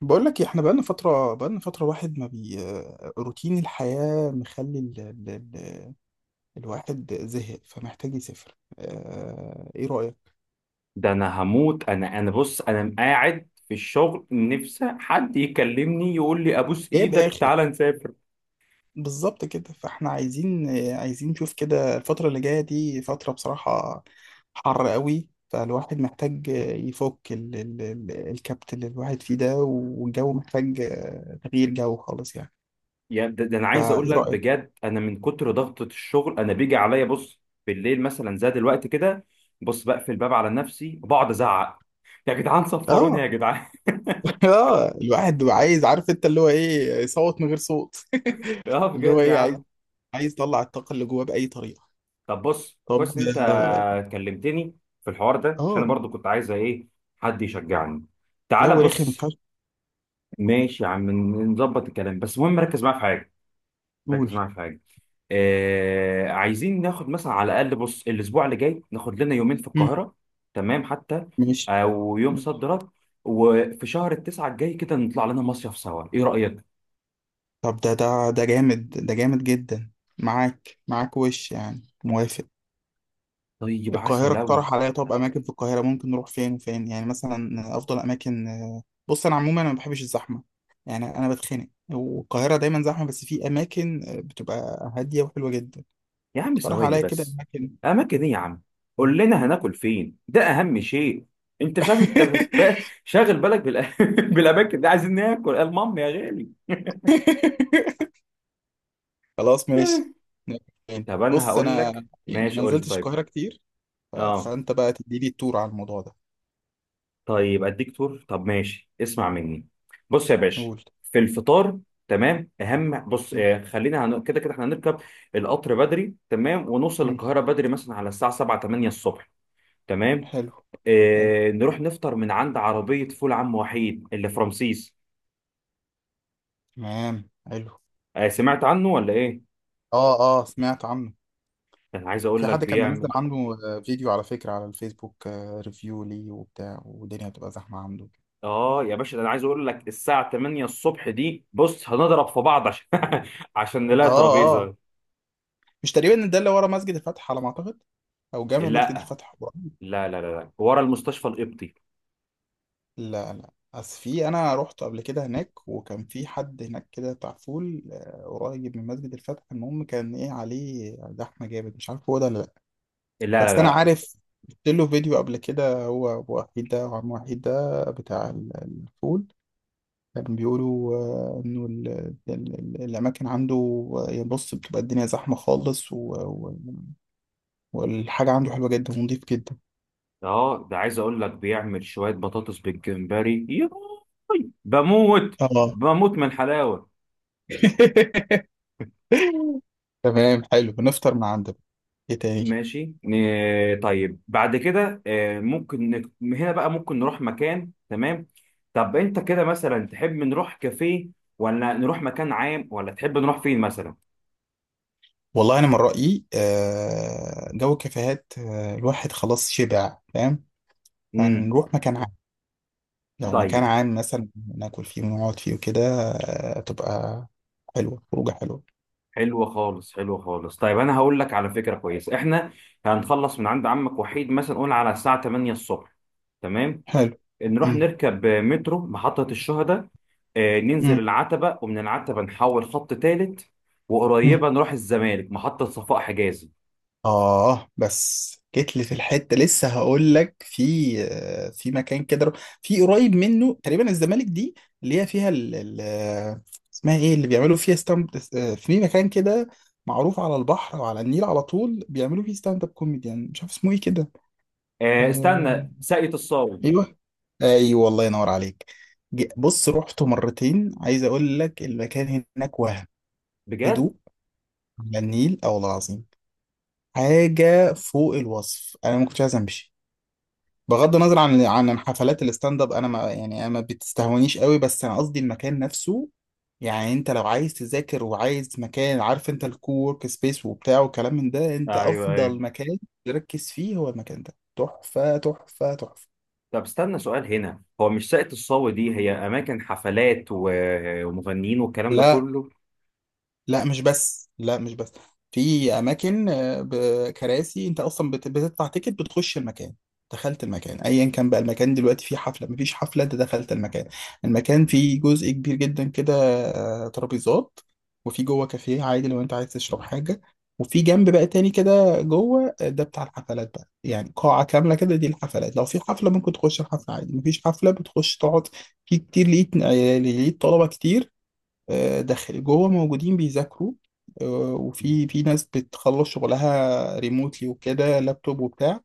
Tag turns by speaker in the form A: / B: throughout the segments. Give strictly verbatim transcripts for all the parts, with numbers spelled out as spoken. A: بقول لك إيه، احنا بقالنا فترة بقالنا فترة واحد ما بي روتين الحياة مخلي ال... ال... ال... الواحد زهق فمحتاج يسافر اه... ايه رأيك؟
B: ده انا هموت. انا انا بص، انا قاعد في الشغل نفسي حد يكلمني يقول لي ابوس
A: جايب
B: ايدك
A: اخر
B: تعالى نسافر.
A: بالظبط كده، فاحنا عايزين عايزين نشوف كده. الفترة اللي جاية دي فترة بصراحة حر قوي، فالواحد محتاج يفك ال... ال... ال... الكبت اللي الواحد فيه ده، والجو محتاج تغيير جو خالص يعني.
B: يعني ده, ده انا عايز اقول
A: فايه
B: لك
A: رأيك؟
B: بجد، انا من كتر ضغطة الشغل انا بيجي عليا بص بالليل مثلا زي دلوقتي كده. بص بقفل الباب على نفسي وبقعد ازعق: يا جدعان صفروني يا
A: اه.
B: جدعان.
A: اه، الواحد بيبقى عايز، عارف انت اللي هو ايه، يصوت من غير صوت.
B: اه
A: اللي هو
B: بجد يا
A: ايه، عايز
B: عم.
A: عايز يطلع الطاقة اللي جواه بأي طريقة.
B: طب بص،
A: طب.
B: كويس ان انت
A: اه.
B: كلمتني في الحوار ده، عشان انا
A: آه،
B: برضو كنت عايز ايه، حد يشجعني. تعالى
A: جو رخم
B: بص.
A: فشخ.
B: ماشي يا عم، نظبط الكلام، بس المهم ركز معايا في حاجة. ركز
A: قول.
B: معايا في حاجه. آه، عايزين ناخد مثلا على الاقل بص الاسبوع اللي جاي ناخد لنا يومين في
A: مم،
B: القاهره، تمام. حتى
A: ماشي.
B: او يوم
A: ماشي.
B: صد رد. وفي شهر التسعه الجاي كده نطلع لنا مصيف سوا، ايه رايك؟
A: طب ده ده ده جامد، ده جامد جدا. معاك معاك وش يعني، موافق.
B: طيب عسل
A: القاهرة،
B: قوي.
A: اقترح عليا طب أماكن في القاهرة ممكن نروح فين وفين يعني، مثلا أفضل أماكن. آه، بص أنا عموما أنا ما بحبش الزحمة يعني، أنا بتخنق، والقاهرة دايما زحمة، بس في أماكن آه، بتبقى هادية وحلوة جدا.
B: يا عم
A: اقترح
B: ثواني
A: عليا كده
B: بس.
A: اماكن.
B: اماكن ايه يا عم؟ قول لنا هناكل فين، ده اهم شيء. انت مش عارف انت ب- شاغل بالك بالأ... بالاماكن دي. عايزين ناكل المهم يا غالي.
A: خلاص ماشي.
B: طب انا
A: بص
B: هقول
A: انا
B: لك،
A: يعني
B: ماشي
A: ما
B: قول لي.
A: نزلتش
B: طيب
A: القاهره كتير، ف-
B: اه،
A: فانت بقى تدي لي التور على الموضوع ده.
B: طيب اديك تور. طب ماشي، اسمع مني. بص يا باشا،
A: قول.
B: في الفطار تمام، اهم بص
A: م-
B: آه، خلينا هن... كده كده احنا هنركب القطر بدري، تمام. ونوصل
A: م.
B: القاهره بدري مثلا على الساعه سبعة تمانية الصبح، تمام.
A: حلو. حلو،
B: آه نروح نفطر من عند عربيه فول عم وحيد اللي في رمسيس.
A: تمام. حلو.
B: آه، سمعت عنه ولا ايه؟
A: اه. اه سمعت عنه.
B: ده انا عايز
A: في
B: اقول لك
A: حد كان منزل
B: بيعمل.
A: عنده آه، فيديو على فكره على الفيسبوك، آه، ريفيو ليه وبتاع، والدنيا بتبقى زحمه عنده.
B: اه يا باشا، ده انا عايز اقول لك الساعه تمانية الصبح دي بص هنضرب في بعض عشان عشان نلاقي
A: اه. اه.
B: ترابيزه.
A: مش تقريبا ده اللي ورا مسجد الفتح على ما اعتقد؟ او
B: لا
A: جامع مسجد الفتح.
B: لا لا لا لا. ورا المستشفى القبطي.
A: لا لا، بس في، انا رحت قبل كده هناك، وكان في حد هناك كده بتاع فول آه، قريب من مسجد الفتح، المهم كان ايه عليه زحمه جامد، مش عارف هو ده ولا لا.
B: لا لا
A: بس انا
B: لا.
A: عارف شفت له فيديو قبل كده، هو أبو وحيد ده وعم وحيد ده بتاع ال- الفول. كان بيقولوا آه، انه ال- ال- ال- الاماكن عنده آه، بص بتبقى الدنيا زحمه خالص و- و- والحاجه عنده حلوه جدا ونضيف جدا.
B: اه ده عايز اقول لك بيعمل شويه بطاطس بالجمبري ياي. بموت.
A: اه
B: بموت من الحلاوه.
A: تمام، حلو، بنفطر من عنده. ايه تاني؟
B: ماشي ن- طيب بعد كده آه، ممكن نك- من هنا بقى ممكن نروح مكان، تمام. طب انت كده مثلا تحب نروح كافيه، ولا نروح مكان عام، ولا تحب نروح فين مثلا؟
A: والله انا من رايي آه، جو الكافيهات آه، الواحد خلاص شبع، فاهم.
B: امم،
A: هنروح مكان عام. لو مكان
B: طيب.
A: عام مثلا ناكل فيه ونقعد فيه وكده آه، تبقى حلوه، خروجه حلوه.
B: حلوه خالص حلوه خالص. طيب انا هقول لك على فكره كويسه، احنا هنخلص من عند عمك وحيد مثلا قول على الساعه تمانية الصبح، تمام.
A: حلو.
B: نروح
A: مم.
B: نركب مترو محطة الشهداء، آه، ننزل
A: مم.
B: العتبة ومن العتبة نحول خط تالت،
A: مم.
B: وقريبة نروح الزمالك محطة صفاء حجازي.
A: آه بس جيت لي في الحتة لسه، هقول لك في آه، في مكان كده، في قريب منه تقريبا الزمالك دي، اللي هي فيها ال ال آه، اسمها ايه اللي بيعملوا فيها ستاند. في مكان كده معروف على البحر وعلى النيل على طول، بيعملوا فيه ستاند اب كوميديان، مش عارف اسمه ايه كده.
B: آه،
A: آه،
B: استنى ساقية الصاوي.
A: ايوه. ايوه، الله ينور عليك. ج- بص رحته مرتين، عايز اقول لك المكان هناك، وهم
B: بجد؟
A: هدوء على النيل او العظيم، حاجة فوق الوصف، انا ما كنتش عايز امشي. بغض النظر عن عن حفلات الستاند اب، انا ما يعني، أنا ما بتستهونيش قوي، بس انا قصدي المكان نفسه. يعني انت لو عايز تذاكر وعايز مكان، عارف انت الكوورك سبيس وبتاع وكلام من ده، انت
B: ايوه ايوه.
A: افضل مكان تركز فيه هو المكان ده، تحفة تحفة تحفة.
B: طب استنى سؤال هنا، هو مش ساقية الصاوي دي هي أماكن حفلات و- ومغنيين والكلام ده
A: لا.
B: كله؟
A: لا مش بس، لا مش بس، في اماكن آه، بكراسي، انت اصلا بت- بتدفع تيكت بتخش المكان. دخلت المكان ايا كان بقى المكان دلوقتي، فيه حفله مفيش حفله انت دخلت المكان. المكان فيه جزء كبير جدا كده آه، ترابيزات، وفي جوه كافيه عادي لو انت عايز تشرب حاجه، وفي جنب بقى تاني كده جوه آه، ده بتاع الحفلات بقى، يعني قاعه كامله كده دي الحفلات، لو في حفله ممكن تخش الحفله عادي، مفيش حفله بتخش تقعد. في كتير، لقيت آه، لقيت طلبه كتير آه، داخلي جوه موجودين بيذاكروا، آه، وفي في ناس بتخلص شغلها ريموتلي وكده لابتوب وبتاع.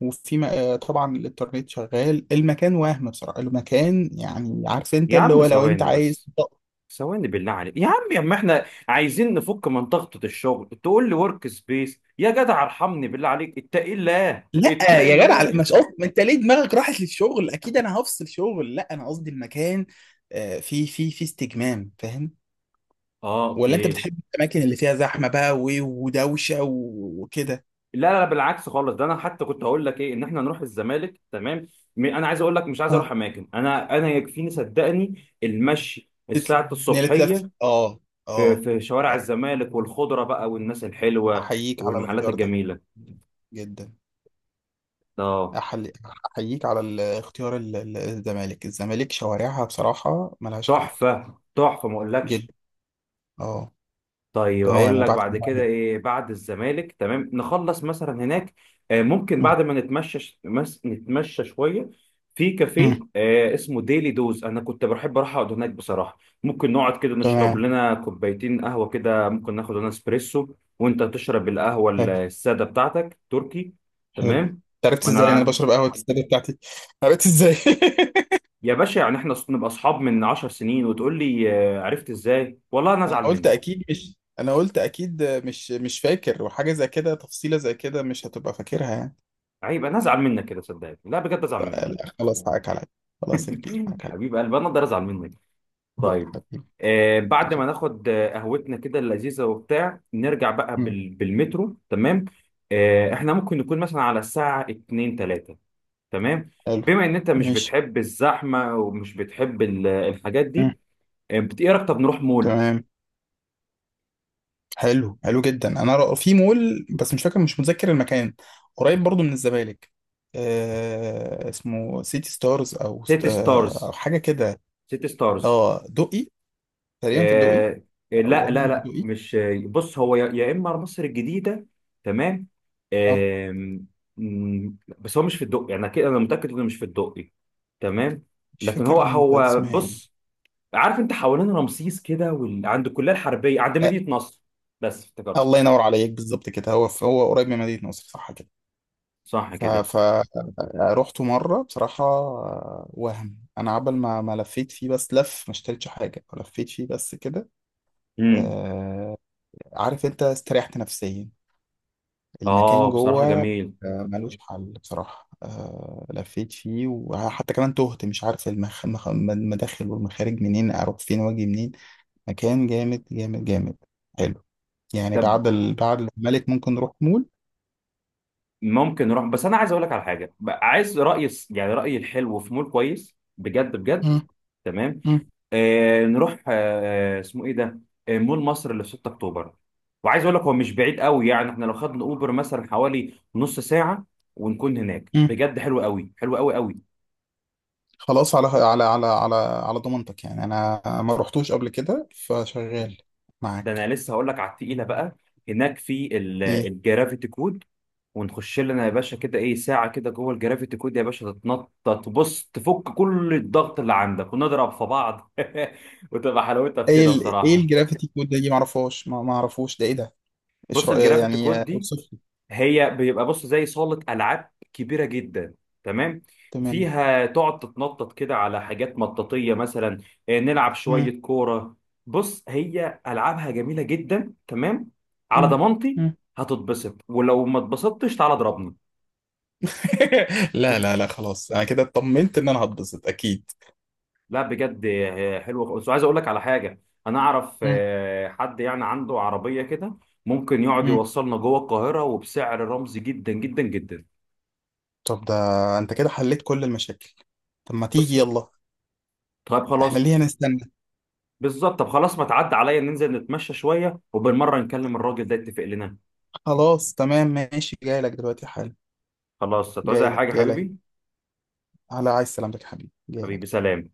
A: وفي م- آه، طبعا الانترنت شغال المكان، وهم بصراحة المكان يعني، عارف انت
B: يا
A: اللي
B: عم
A: هو، لو انت
B: ثواني
A: عايز
B: بس.
A: تط-
B: ثواني بالله عليك يا عم يا عم، احنا عايزين نفك من ضغطة الشغل تقول لي ورك سبيس؟ يا جدع ارحمني، بالله عليك اتقي الله
A: لا
B: اتقي
A: يا جدع.
B: الله.
A: لا، مش قصدي، ما انت ليه دماغك راحت للشغل، اكيد انا هفصل شغل. لا انا قصدي المكان آه، في في في استجمام، فاهم.
B: اه
A: ولا انت
B: اوكي.
A: بتحب الاماكن اللي فيها زحمه بقى و- ودوشه و- وكده.
B: لا لا لا، بالعكس خالص. ده انا حتى كنت هقول لك ايه، ان احنا نروح الزمالك، تمام. م- انا عايز اقول لك مش عايز
A: اه
B: اروح اماكن. انا انا يكفيني صدقني المشي
A: تت-
B: الساعه
A: ان هي تلف.
B: الصبحيه
A: اه.
B: في
A: اه.
B: في شوارع
A: اه
B: الزمالك والخضره بقى والناس الحلوه
A: احييك على
B: والمحلات
A: الاختيار ده
B: الجميله.
A: جدا.
B: اه،
A: أحل- احييك على الاختيار ال- ال- الزمالك. الزمالك شوارعها بصراحة ملهاش حل
B: تحفه تحفه ما اقولكش.
A: جدا. اه.
B: طيب
A: تمام.
B: اقول لك
A: وبعد
B: بعد كده
A: كده-
B: ايه، بعد الزمالك تمام نخلص مثلا هناك آه، ممكن
A: مم.
B: بعد ما نتمشى ش- مس- نتمشى شويه في كافيه
A: مم.
B: آه، اسمه ديلي دوز. انا كنت بحب اروح اقعد هناك بصراحه. ممكن نقعد كده نشرب
A: تمام
B: لنا كوبايتين قهوه كده، ممكن ناخد لنا اسبريسو وانت تشرب القهوه ال-
A: حلو.
B: الساده بتاعتك تركي.
A: حلو،
B: تمام
A: انت عرفت ازاي إن انا
B: وانا.
A: بشرب قهوة السادة بتاعتي؟ عرفت ازاي؟
B: يا باشا يعني احنا نبقى اصحاب من عشر سنين وتقول لي آه، عرفت ازاي؟ والله انا
A: انا
B: ازعل
A: قلت
B: منك.
A: اكيد مش، انا قلت اكيد مش مش فاكر، وحاجة زي كده، تفصيلة زي كده مش هتبقى فاكرها يعني.
B: عيب انا ازعل منك كده صدقني. لا بجد
A: ط-
B: ازعل منك.
A: لا، خلاص حقك عليا. خلاص يا كبير، حقك عليا.
B: حبيب قلبي انا اقدر ازعل منك؟
A: لا،
B: طيب
A: حبيبي.
B: آه، بعد
A: شوف.
B: ما ناخد آه، قهوتنا كده اللذيذه وبتاع نرجع بقى
A: مم.
B: بال... بالمترو، تمام. آه احنا ممكن نكون مثلا على الساعه اتنين تلاتة، تمام.
A: حلو.
B: بما ان انت مش
A: ماشي.
B: بتحب الزحمه ومش بتحب ال- الحاجات دي
A: مم.
B: آه، بت- ايه رايك طب نروح مول؟
A: تمام. حلو، حلو جدا. انا ر- في مول، بس مش فاكر، مش متذكر المكان، قريب برضو من الزمالك. آه اسمه سيتي ستارز او ست
B: سيتي
A: آه او
B: ستارز،
A: حاجه كده.
B: سيتي ستارز.
A: اه دقي، تقريبا في الدقي.
B: آه آه،
A: او
B: لا
A: قريب
B: لا
A: من
B: لا
A: الدقي.
B: مش. بص هو يا يا اما مصر الجديده، تمام.
A: اه،
B: آم، مم، بس هو مش في الدقي يعني كده انا متاكد انه مش في الدقي، تمام.
A: مش
B: لكن
A: فاكر
B: هو
A: المنطقه دي
B: هو
A: اسمها ايه.
B: بص، عارف انت حوالين رمسيس كده وال... عند الكليه الحربيه عند مدينه نصر. بس
A: آه
B: افتكرت.
A: الله ينور عليك بالظبط كده، هو في هو قريب من مدينه نصر صح كده.
B: صح
A: ف
B: كده.
A: ف رحت مره بصراحه آه، وهم، انا عبل ما ما لفيت فيه، بس لف، ما اشتريتش حاجه، لفيت فيه بس كده.
B: امم.
A: آه. عارف انت استريحت نفسيا،
B: اه
A: المكان جوه
B: بصراحه جميل.
A: آه، ملوش آه. حل بصراحة، آه، لفيت فيه، وحتى كمان تهت، مش عارف المخ... مخ... المداخل والمخارج منين اروح فين واجي منين. مكان جامد جامد جامد، حلو. يعني
B: طب
A: بعد ال... بعد الملك ممكن نروح مول.
B: ممكن نروح، بس انا عايز اقول لك على حاجه بقى، عايز رايي الس- يعني رايي الحلو في مول كويس بجد بجد،
A: مم.
B: تمام.
A: مم.
B: آه نروح آه اسمه ايه ده، آه مول مصر اللي في ستة اكتوبر. وعايز اقول لك هو مش بعيد قوي يعني، احنا لو خدنا اوبر مثلا حوالي نص ساعه ونكون هناك.
A: مم.
B: بجد حلو قوي حلو قوي قوي.
A: خلاص، على على على على على ضمانتك، يعني انا ما رحتوش قبل كده فشغال
B: ده انا
A: معاك.
B: لسه هقول لك على التقيله بقى. هناك في ال-
A: ايه.
B: الجرافيتي كود. ونخش لنا يا باشا كده ايه ساعه كده جوه الجرافيتي كود يا باشا، تتنطط، تبص، تفك كل الضغط اللي عندك، ونضرب في بعض. وتبقى حلاوتها في
A: ايه
B: كده
A: ال... ايه
B: بصراحه.
A: الجرافيتي كود ده؟ دي ما اعرفهاش، ما ما اعرفوش ده، ايه ده. ايش
B: بص
A: رأيك
B: الجرافيتي
A: يعني،
B: كود دي
A: اوصف.
B: هي بيبقى بص زي صالة ألعاب كبيرة جدا، تمام.
A: تمام.
B: فيها تقعد تتنطط كده على حاجات مطاطية مثلا، آه، نلعب
A: مم.
B: شوية كورة. بص هي ألعابها جميلة جدا، تمام. على
A: مم.
B: ضمانتي
A: مم.
B: هتتبسط، ولو ما اتبسطتش تعالى اضربني.
A: لا لا لا خلاص، انا كده اطمنت ان انا هتبسط اكيد.
B: لا بجد آه، حلوة خالص. وعايز اقول لك على حاجة، انا اعرف
A: مم.
B: آه، حد يعني عنده عربية كده ممكن يقعد
A: مم.
B: يوصلنا جوه القاهرة وبسعر رمزي جدا جدا جدا.
A: طب ده انت كده حليت كل المشاكل. طب ما
B: بص،
A: تيجي يلا.
B: طيب
A: احنا
B: خلاص.
A: ليه هنستنى؟
B: بالظبط. طب خلاص ما تعدي عليا ننزل نتمشى شويه وبالمره نكلم الراجل ده يتفق لنا.
A: خلاص تمام ماشي، جاي لك دلوقتي حالا.
B: خلاص، هتعوز اي
A: جاي لك.
B: حاجه
A: جاي لك.
B: حبيبي؟
A: على عايز سلامتك يا حبيبي، جاي
B: حبيبي،
A: لك.
B: سلام.